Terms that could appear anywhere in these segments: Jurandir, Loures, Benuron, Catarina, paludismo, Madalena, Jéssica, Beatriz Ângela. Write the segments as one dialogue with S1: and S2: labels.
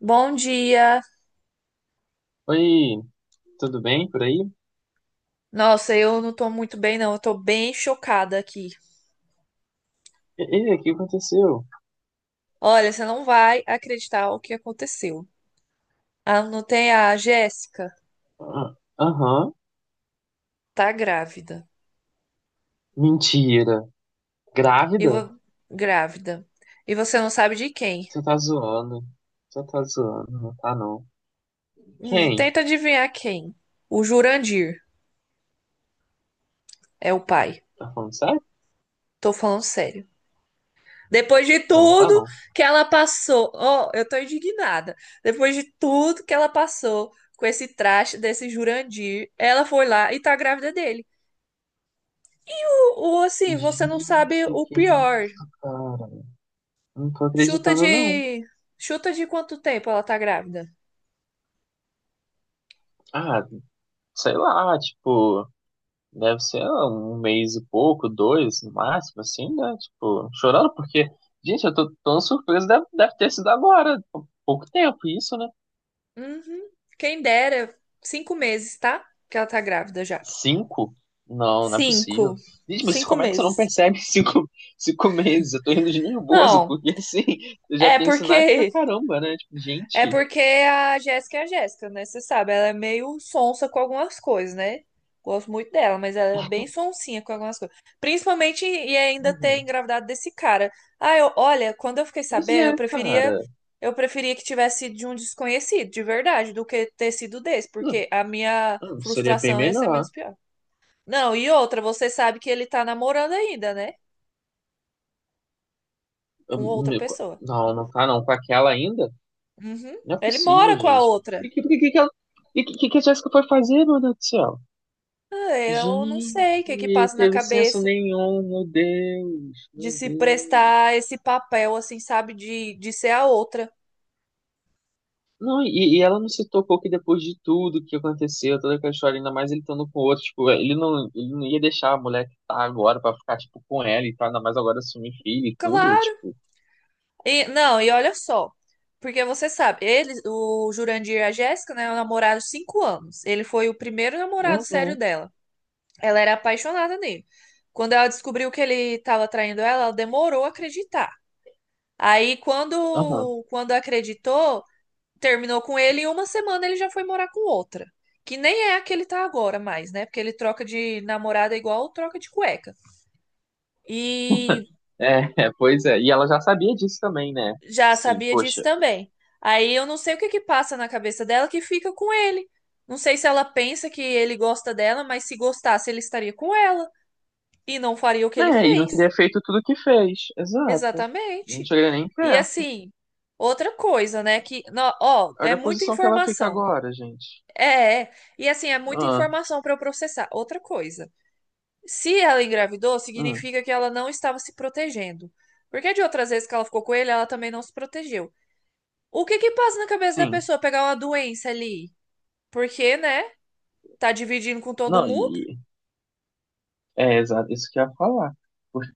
S1: Bom dia.
S2: Oi, tudo bem por aí?
S1: Nossa, eu não tô muito bem, não. Eu tô bem chocada aqui.
S2: Ei, o que aconteceu?
S1: Olha, você não vai acreditar o que aconteceu. Ah, não tem a Jéssica?
S2: Ah, aham,
S1: Tá grávida.
S2: mentira.
S1: E
S2: Grávida?
S1: vo... Grávida. E você não sabe de quem?
S2: Você tá zoando. Você tá zoando, não tá não. Quem?
S1: Tenta adivinhar quem. O Jurandir é o pai.
S2: Tá falando sério?
S1: Tô falando sério. Depois de
S2: Não, tá
S1: tudo
S2: não.
S1: que ela passou. Oh, eu tô indignada. Depois de tudo que ela passou com esse traste desse Jurandir, ela foi lá e tá grávida dele. O, assim, você não sabe
S2: Gente,
S1: o
S2: que
S1: pior.
S2: isso, cara? Não tô
S1: Chuta
S2: acreditando não.
S1: de. Chuta de quanto tempo ela tá grávida?
S2: Ah, sei lá, tipo, deve ser um mês e pouco, dois, no máximo, assim, né? Tipo, chorando porque, gente, eu tô tão surpreso, deve ter sido agora, há pouco tempo isso, né?
S1: Uhum. Quem dera, 5 meses, tá? Que ela tá grávida já.
S2: Cinco? Não, não é possível.
S1: Cinco.
S2: Diz, mas
S1: Cinco
S2: como é que você não
S1: meses.
S2: percebe cinco meses? Eu tô rindo de nervoso,
S1: Não,
S2: porque assim, eu já
S1: é
S2: tenho sinais pra
S1: porque
S2: caramba, né? Tipo,
S1: É
S2: gente.
S1: porque a Jéssica é a Jéssica, né? Você sabe, ela é meio sonsa com algumas coisas, né? Gosto muito dela, mas ela é bem sonsinha com algumas coisas. Principalmente e ainda ter
S2: Uhum.
S1: engravidado desse cara. Ah, olha, quando eu fiquei
S2: Pois
S1: sabendo,
S2: é,
S1: eu preferia
S2: cara.
S1: eu preferia que tivesse sido de um desconhecido, de verdade, do que ter sido desse,
S2: Não,
S1: porque a minha
S2: não, seria bem
S1: frustração ia ser menos
S2: melhor.
S1: pior. Não, e outra, você sabe que ele tá namorando ainda, né?
S2: Eu
S1: Com outra
S2: me-
S1: pessoa.
S2: não, não tá não. Com aquela ainda?
S1: Uhum.
S2: Não é
S1: Ele
S2: possível,
S1: mora com a
S2: gente.
S1: outra.
S2: E que a Jéssica foi fazer, meu Deus do céu?
S1: Ah, eu não sei o que que
S2: Gente,
S1: passa na
S2: teve senso
S1: cabeça
S2: nenhum, meu Deus,
S1: de
S2: meu
S1: se
S2: Deus.
S1: prestar esse papel, assim, sabe? De ser a outra.
S2: Não, e ela não se tocou que depois de tudo que aconteceu, toda aquela história, ainda mais ele estando com outro, tipo, ele não ia deixar a mulher que tá agora pra ficar, tipo, com ela e tal, ainda mais agora assumir filho e tudo,
S1: Claro.
S2: tipo,
S1: E, não, e olha só. Porque você sabe, eles, o Jurandir e a Jéssica, né, namoraram 5 anos. Ele foi o primeiro namorado sério
S2: uhum,
S1: dela. Ela era apaixonada nele. Quando ela descobriu que ele estava traindo ela, ela demorou a acreditar. Aí,
S2: aham.
S1: quando, quando acreditou, terminou com ele e uma semana ele já foi morar com outra. Que nem é a que ele tá agora mais, né? Porque ele troca de namorada igual troca de cueca. E
S2: É, é, pois é, e ela já sabia disso também, né?
S1: já
S2: Assim,
S1: sabia disso
S2: poxa,
S1: também. Aí eu não sei o que que passa na cabeça dela que fica com ele. Não sei se ela pensa que ele gosta dela, mas se gostasse, ele estaria com ela e não faria o que ele
S2: né, e não
S1: fez.
S2: teria feito tudo que fez, exato. Não
S1: Exatamente.
S2: chegaria nem
S1: E
S2: perto.
S1: assim, outra coisa, né, ó, é
S2: Olha a
S1: muita
S2: posição que ela fica
S1: informação.
S2: agora, gente.
S1: É, é. E assim, é muita
S2: Ah,
S1: informação para eu processar. Outra coisa. Se ela engravidou,
S2: hum,
S1: significa que ela não estava se protegendo. Porque de outras vezes que ela ficou com ele, ela também não se protegeu. O que que passa na cabeça da
S2: sim.
S1: pessoa pegar uma doença ali? Porque, né? Tá dividindo com todo
S2: Não,
S1: mundo?
S2: e, é, exato, isso que eu ia falar.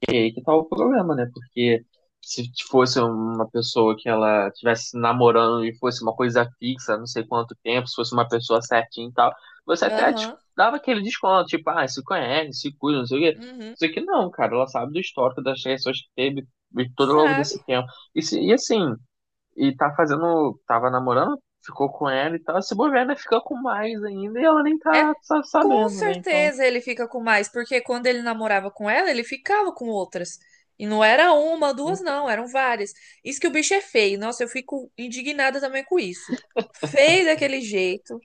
S2: E aí que tá o problema, né? Porque se fosse uma pessoa que ela estivesse namorando e fosse uma coisa fixa, não sei quanto tempo, se fosse uma pessoa certinha e tal, você até
S1: Aham.
S2: dava aquele desconto, tipo, ah, se conhece, se cuida, não sei o quê.
S1: Uhum.
S2: Isso aqui não, cara, ela sabe do histórico das pessoas que teve e todo longo
S1: Sabe?
S2: desse tempo. E, e assim, e tá fazendo, tava namorando, ficou com ela e tal, se bobear, né, fica com mais ainda e ela nem
S1: É
S2: tá
S1: com
S2: sabendo, né? Então,
S1: certeza ele fica com mais, porque quando ele namorava com ela, ele ficava com outras. E não era uma, duas, não, eram várias. Isso que o bicho é feio. Nossa, eu fico indignada também com isso. Feio daquele jeito.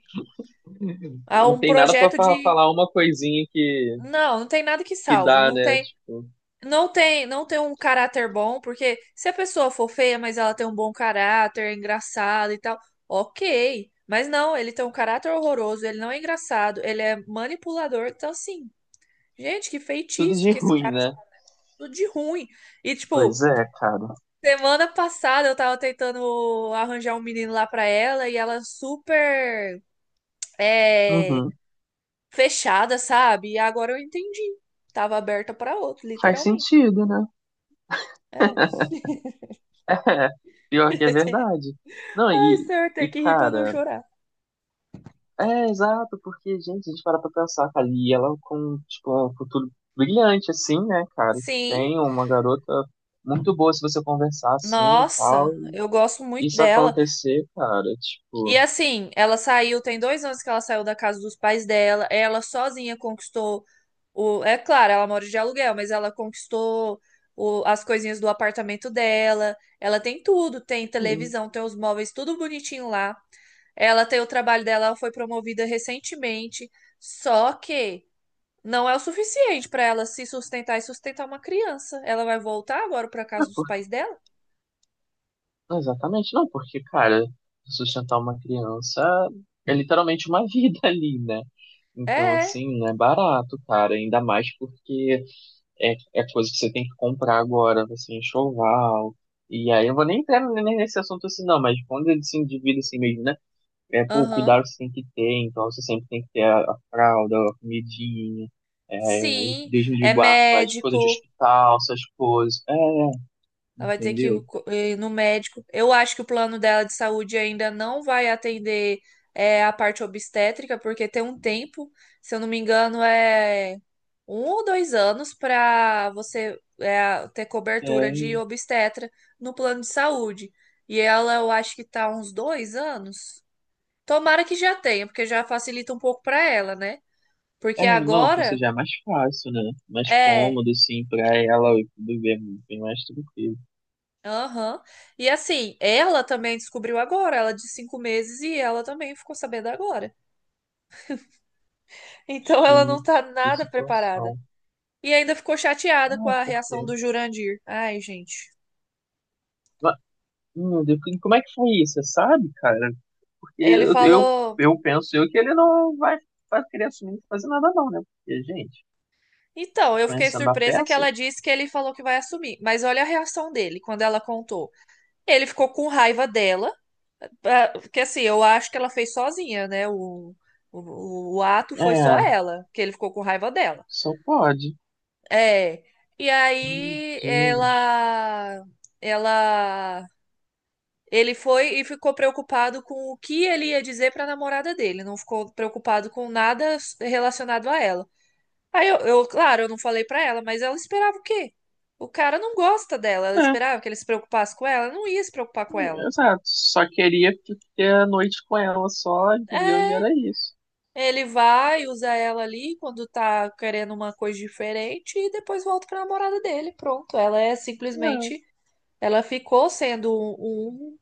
S1: Há
S2: não
S1: um
S2: tem nada pra
S1: projeto de.
S2: falar uma coisinha
S1: Não, não tem nada que
S2: que
S1: salve.
S2: dá,
S1: Não
S2: né?
S1: tem.
S2: Tipo,
S1: Não tem, não tem um caráter bom, porque se a pessoa for feia, mas ela tem um bom caráter, é engraçada e tal, ok. Mas não, ele tem um caráter horroroso, ele não é engraçado, ele é manipulador. Então, assim, gente, que
S2: tudo
S1: feitiço
S2: de
S1: que esse
S2: ruim,
S1: cara joga
S2: né?
S1: tudo de ruim. E,
S2: Pois
S1: tipo,
S2: é, cara.
S1: semana passada eu tava tentando arranjar um menino lá pra ela e ela super é,
S2: Uhum.
S1: fechada, sabe? E agora eu entendi. Tava aberta pra outro,
S2: Faz
S1: literalmente.
S2: sentido, né?
S1: É.
S2: É, pior que é verdade. Não,
S1: Ai,
S2: e,
S1: senhor, tem
S2: e
S1: que rir pra não
S2: cara,
S1: chorar.
S2: é exato, porque, gente, a gente para pra pensar, cara, e ela com, tipo, um futuro brilhante, assim, né, cara? Que
S1: Sim,
S2: tem uma garota muito boa se você conversar assim e tal.
S1: nossa,
S2: E
S1: eu gosto muito
S2: isso
S1: dela.
S2: acontecer, cara,
S1: E
S2: tipo,
S1: assim, ela saiu, tem 2 anos que ela saiu da casa dos pais dela. Ela sozinha conquistou o. É claro, ela mora de aluguel, mas ela conquistou as coisinhas do apartamento dela. Ela tem tudo, tem
S2: sim.
S1: televisão, tem os móveis, tudo bonitinho lá. Ela tem o trabalho dela, ela foi promovida recentemente. Só que não é o suficiente pra ela se sustentar e sustentar uma criança. Ela vai voltar agora pra casa
S2: É,
S1: dos pais dela?
S2: exatamente, não, porque, cara, sustentar uma criança é literalmente uma vida ali, né?
S1: É,
S2: Então,
S1: é.
S2: assim, não é barato, cara, ainda mais porque é coisa que você tem que comprar agora, assim, enxoval. E aí eu vou nem entrar nem nesse assunto assim, não, mas quando ele se endivida assim mesmo, né? É, pô, o
S1: Aham.
S2: cuidado que você tem que ter, então você sempre tem que ter a fralda, a comidinha, é,
S1: Sim,
S2: desde de
S1: é
S2: guarda, mas coisa de
S1: médico.
S2: hospital, essas coisas, é,
S1: Ela vai ter que
S2: entendeu?
S1: ir no médico. Eu acho que o plano dela de saúde ainda não vai atender a parte obstétrica, porque tem um tempo, se eu não me engano, é 1 ou 2 anos para você ter cobertura de
S2: É.
S1: obstetra no plano de saúde. E ela, eu acho que tá uns 2 anos. Tomara que já tenha, porque já facilita um pouco para ela, né? Porque
S2: É, não, ou
S1: agora
S2: seja, é mais fácil, né? Mais
S1: é,
S2: cômodo, assim, pra ela e tudo bem, bem mais tranquilo.
S1: aham. E assim, ela também descobriu agora, ela de 5 meses e ela também ficou sabendo agora. Então ela não tá
S2: Gente, que
S1: nada preparada.
S2: situação.
S1: E ainda ficou chateada com
S2: Ah,
S1: a
S2: por
S1: reação
S2: quê?
S1: do Jurandir. Ai, gente.
S2: Ma- Meu Deus, e como é que foi isso? Você sabe, cara? Porque
S1: Ele
S2: eu, eu,
S1: falou.
S2: eu penso eu que ele não vai querer assumir fazer nada não, né? Porque, gente,
S1: Então, eu fiquei
S2: conhecendo a
S1: surpresa que
S2: peça,
S1: ela disse que ele falou que vai assumir. Mas olha a reação dele quando ela contou. Ele ficou com raiva dela. Ah, porque assim, eu acho que ela fez sozinha, né? O ato foi só
S2: é,
S1: ela, que ele ficou com raiva dela.
S2: só pode.
S1: É. E
S2: Meu
S1: aí
S2: Deus.
S1: ela, ele foi e ficou preocupado com o que ele ia dizer pra namorada dele. Não ficou preocupado com nada relacionado a ela. Aí claro, eu não falei pra ela, mas ela esperava o quê? O cara não gosta dela. Ela
S2: É,
S1: esperava que ele se preocupasse com ela. Não ia se preocupar com ela.
S2: exato. Só queria ter a noite com ela só, entendeu? E
S1: É,
S2: era isso.
S1: ele vai, usa ela ali quando tá querendo uma coisa diferente e depois volta pra namorada dele. Pronto, ela é
S2: É.
S1: simplesmente, ela ficou sendo um, um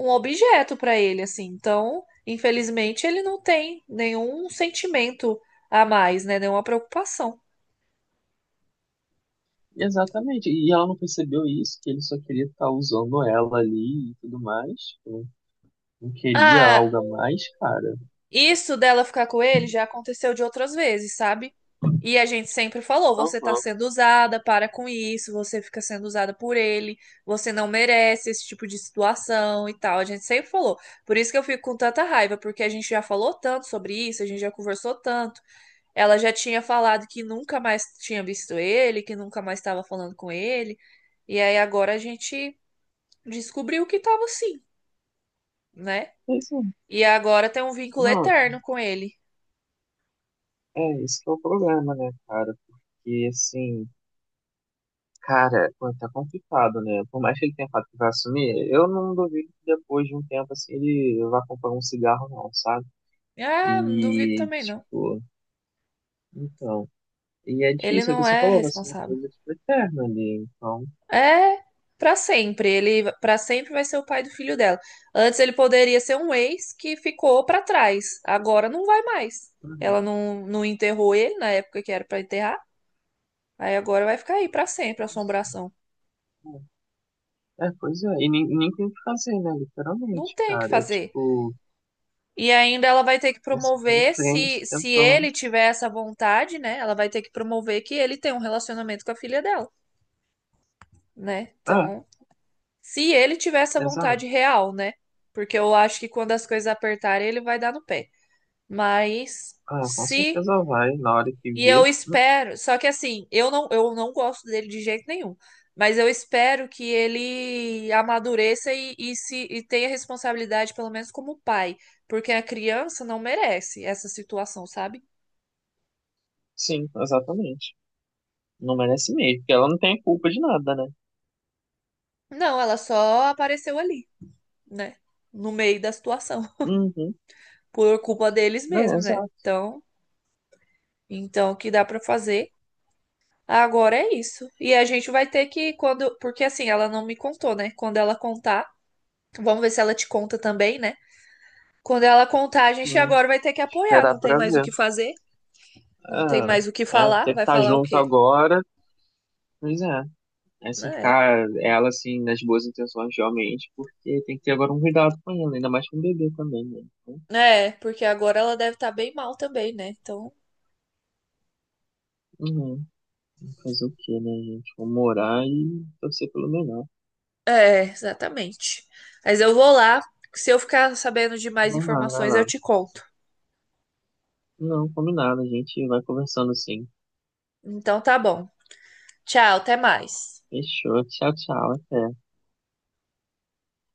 S1: um objeto pra ele, assim. Então, infelizmente, ele não tem nenhum sentimento a mais, né? Nenhuma preocupação.
S2: Exatamente. E ela não percebeu isso, que ele só queria estar usando ela ali e tudo mais, tipo, não, queria
S1: Ah,
S2: algo a mais, cara.
S1: isso dela ficar com ele já aconteceu de outras vezes, sabe? E a gente sempre falou: você tá
S2: Aham.
S1: sendo usada, para com isso, você fica sendo usada por ele, você não merece esse tipo de situação e tal. A gente sempre falou. Por isso que eu fico com tanta raiva, porque a gente já falou tanto sobre isso, a gente já conversou tanto. Ela já tinha falado que nunca mais tinha visto ele, que nunca mais estava falando com ele. E aí agora a gente descobriu que tava sim, né?
S2: Pois é.
S1: E agora tem um vínculo
S2: Não,
S1: eterno com ele.
S2: é, esse que é o problema, né, cara? Porque, assim, cara, pô, tá complicado, né? Por mais que ele tenha falado que vai assumir, eu não duvido que depois de um tempo, assim, ele vá comprar um cigarro, não, sabe?
S1: É, não duvido
S2: E,
S1: também não.
S2: tipo, então. E é
S1: Ele
S2: difícil, é o que
S1: não
S2: você
S1: é
S2: falou, vai ser uma
S1: responsável.
S2: coisa, tipo, eterna ali. Então,
S1: É pra sempre. Ele pra sempre vai ser o pai do filho dela. Antes ele poderia ser um ex que ficou pra trás. Agora não vai mais. Ela
S2: uhum.
S1: não, não enterrou ele na época que era pra enterrar. Aí agora vai ficar aí pra sempre a
S2: Nossa.
S1: assombração.
S2: É, pois é, e nem tem o que fazer, né?
S1: Não
S2: Literalmente,
S1: tem o que
S2: cara. É
S1: fazer.
S2: tipo,
S1: E ainda ela vai ter que
S2: é seguir em
S1: promover se
S2: frente
S1: se
S2: tentando.
S1: ele tiver essa vontade, né? Ela vai ter que promover que ele tem um relacionamento com a filha dela, né?
S2: Ah,
S1: Então se ele tiver essa
S2: exato.
S1: vontade real, né? Porque eu acho que quando as coisas apertarem, ele vai dar no pé. Mas
S2: Ah, com
S1: se.
S2: certeza vai, na hora que
S1: E
S2: vê.
S1: eu espero. Só que assim, eu não gosto dele de jeito nenhum. Mas eu espero que ele amadureça e se, e tenha responsabilidade, pelo menos como pai. Porque a criança não merece essa situação, sabe?
S2: Sim, exatamente. Não merece mesmo, porque ela não tem culpa de nada, né?
S1: Não, ela só apareceu ali, né? No meio da situação.
S2: Uhum,
S1: Por culpa deles
S2: não,
S1: mesmo, né?
S2: exato.
S1: Então, então o que dá pra fazer? Agora é isso. E a gente vai ter que quando, porque assim, ela não me contou, né? Quando ela contar, vamos ver se ela te conta também, né? Quando ela contar, a gente
S2: Hum,
S1: agora vai ter que apoiar, não
S2: esperar
S1: tem
S2: pra
S1: mais o
S2: ver.
S1: que fazer, não tem
S2: Ah,
S1: mais o que
S2: é,
S1: falar,
S2: ter que
S1: vai
S2: estar
S1: falar o
S2: junto
S1: quê?
S2: agora. Pois é, é
S1: Né?
S2: cercar ela, assim, nas boas intenções, realmente, porque tem que ter agora um cuidado com ela, ainda mais com o bebê também, né? Então,
S1: É, porque agora ela deve estar bem mal também, né? Então,
S2: uhum. Fazer o quê, né, gente? Vamos morar e torcer pelo melhor.
S1: é, exatamente. Mas eu vou lá, se eu ficar sabendo de mais
S2: Vamos lá, vai
S1: informações,
S2: lá.
S1: eu te conto.
S2: Não, combinado, a gente vai conversando sim.
S1: Então tá bom. Tchau, até mais.
S2: Fechou, tchau, tchau, até.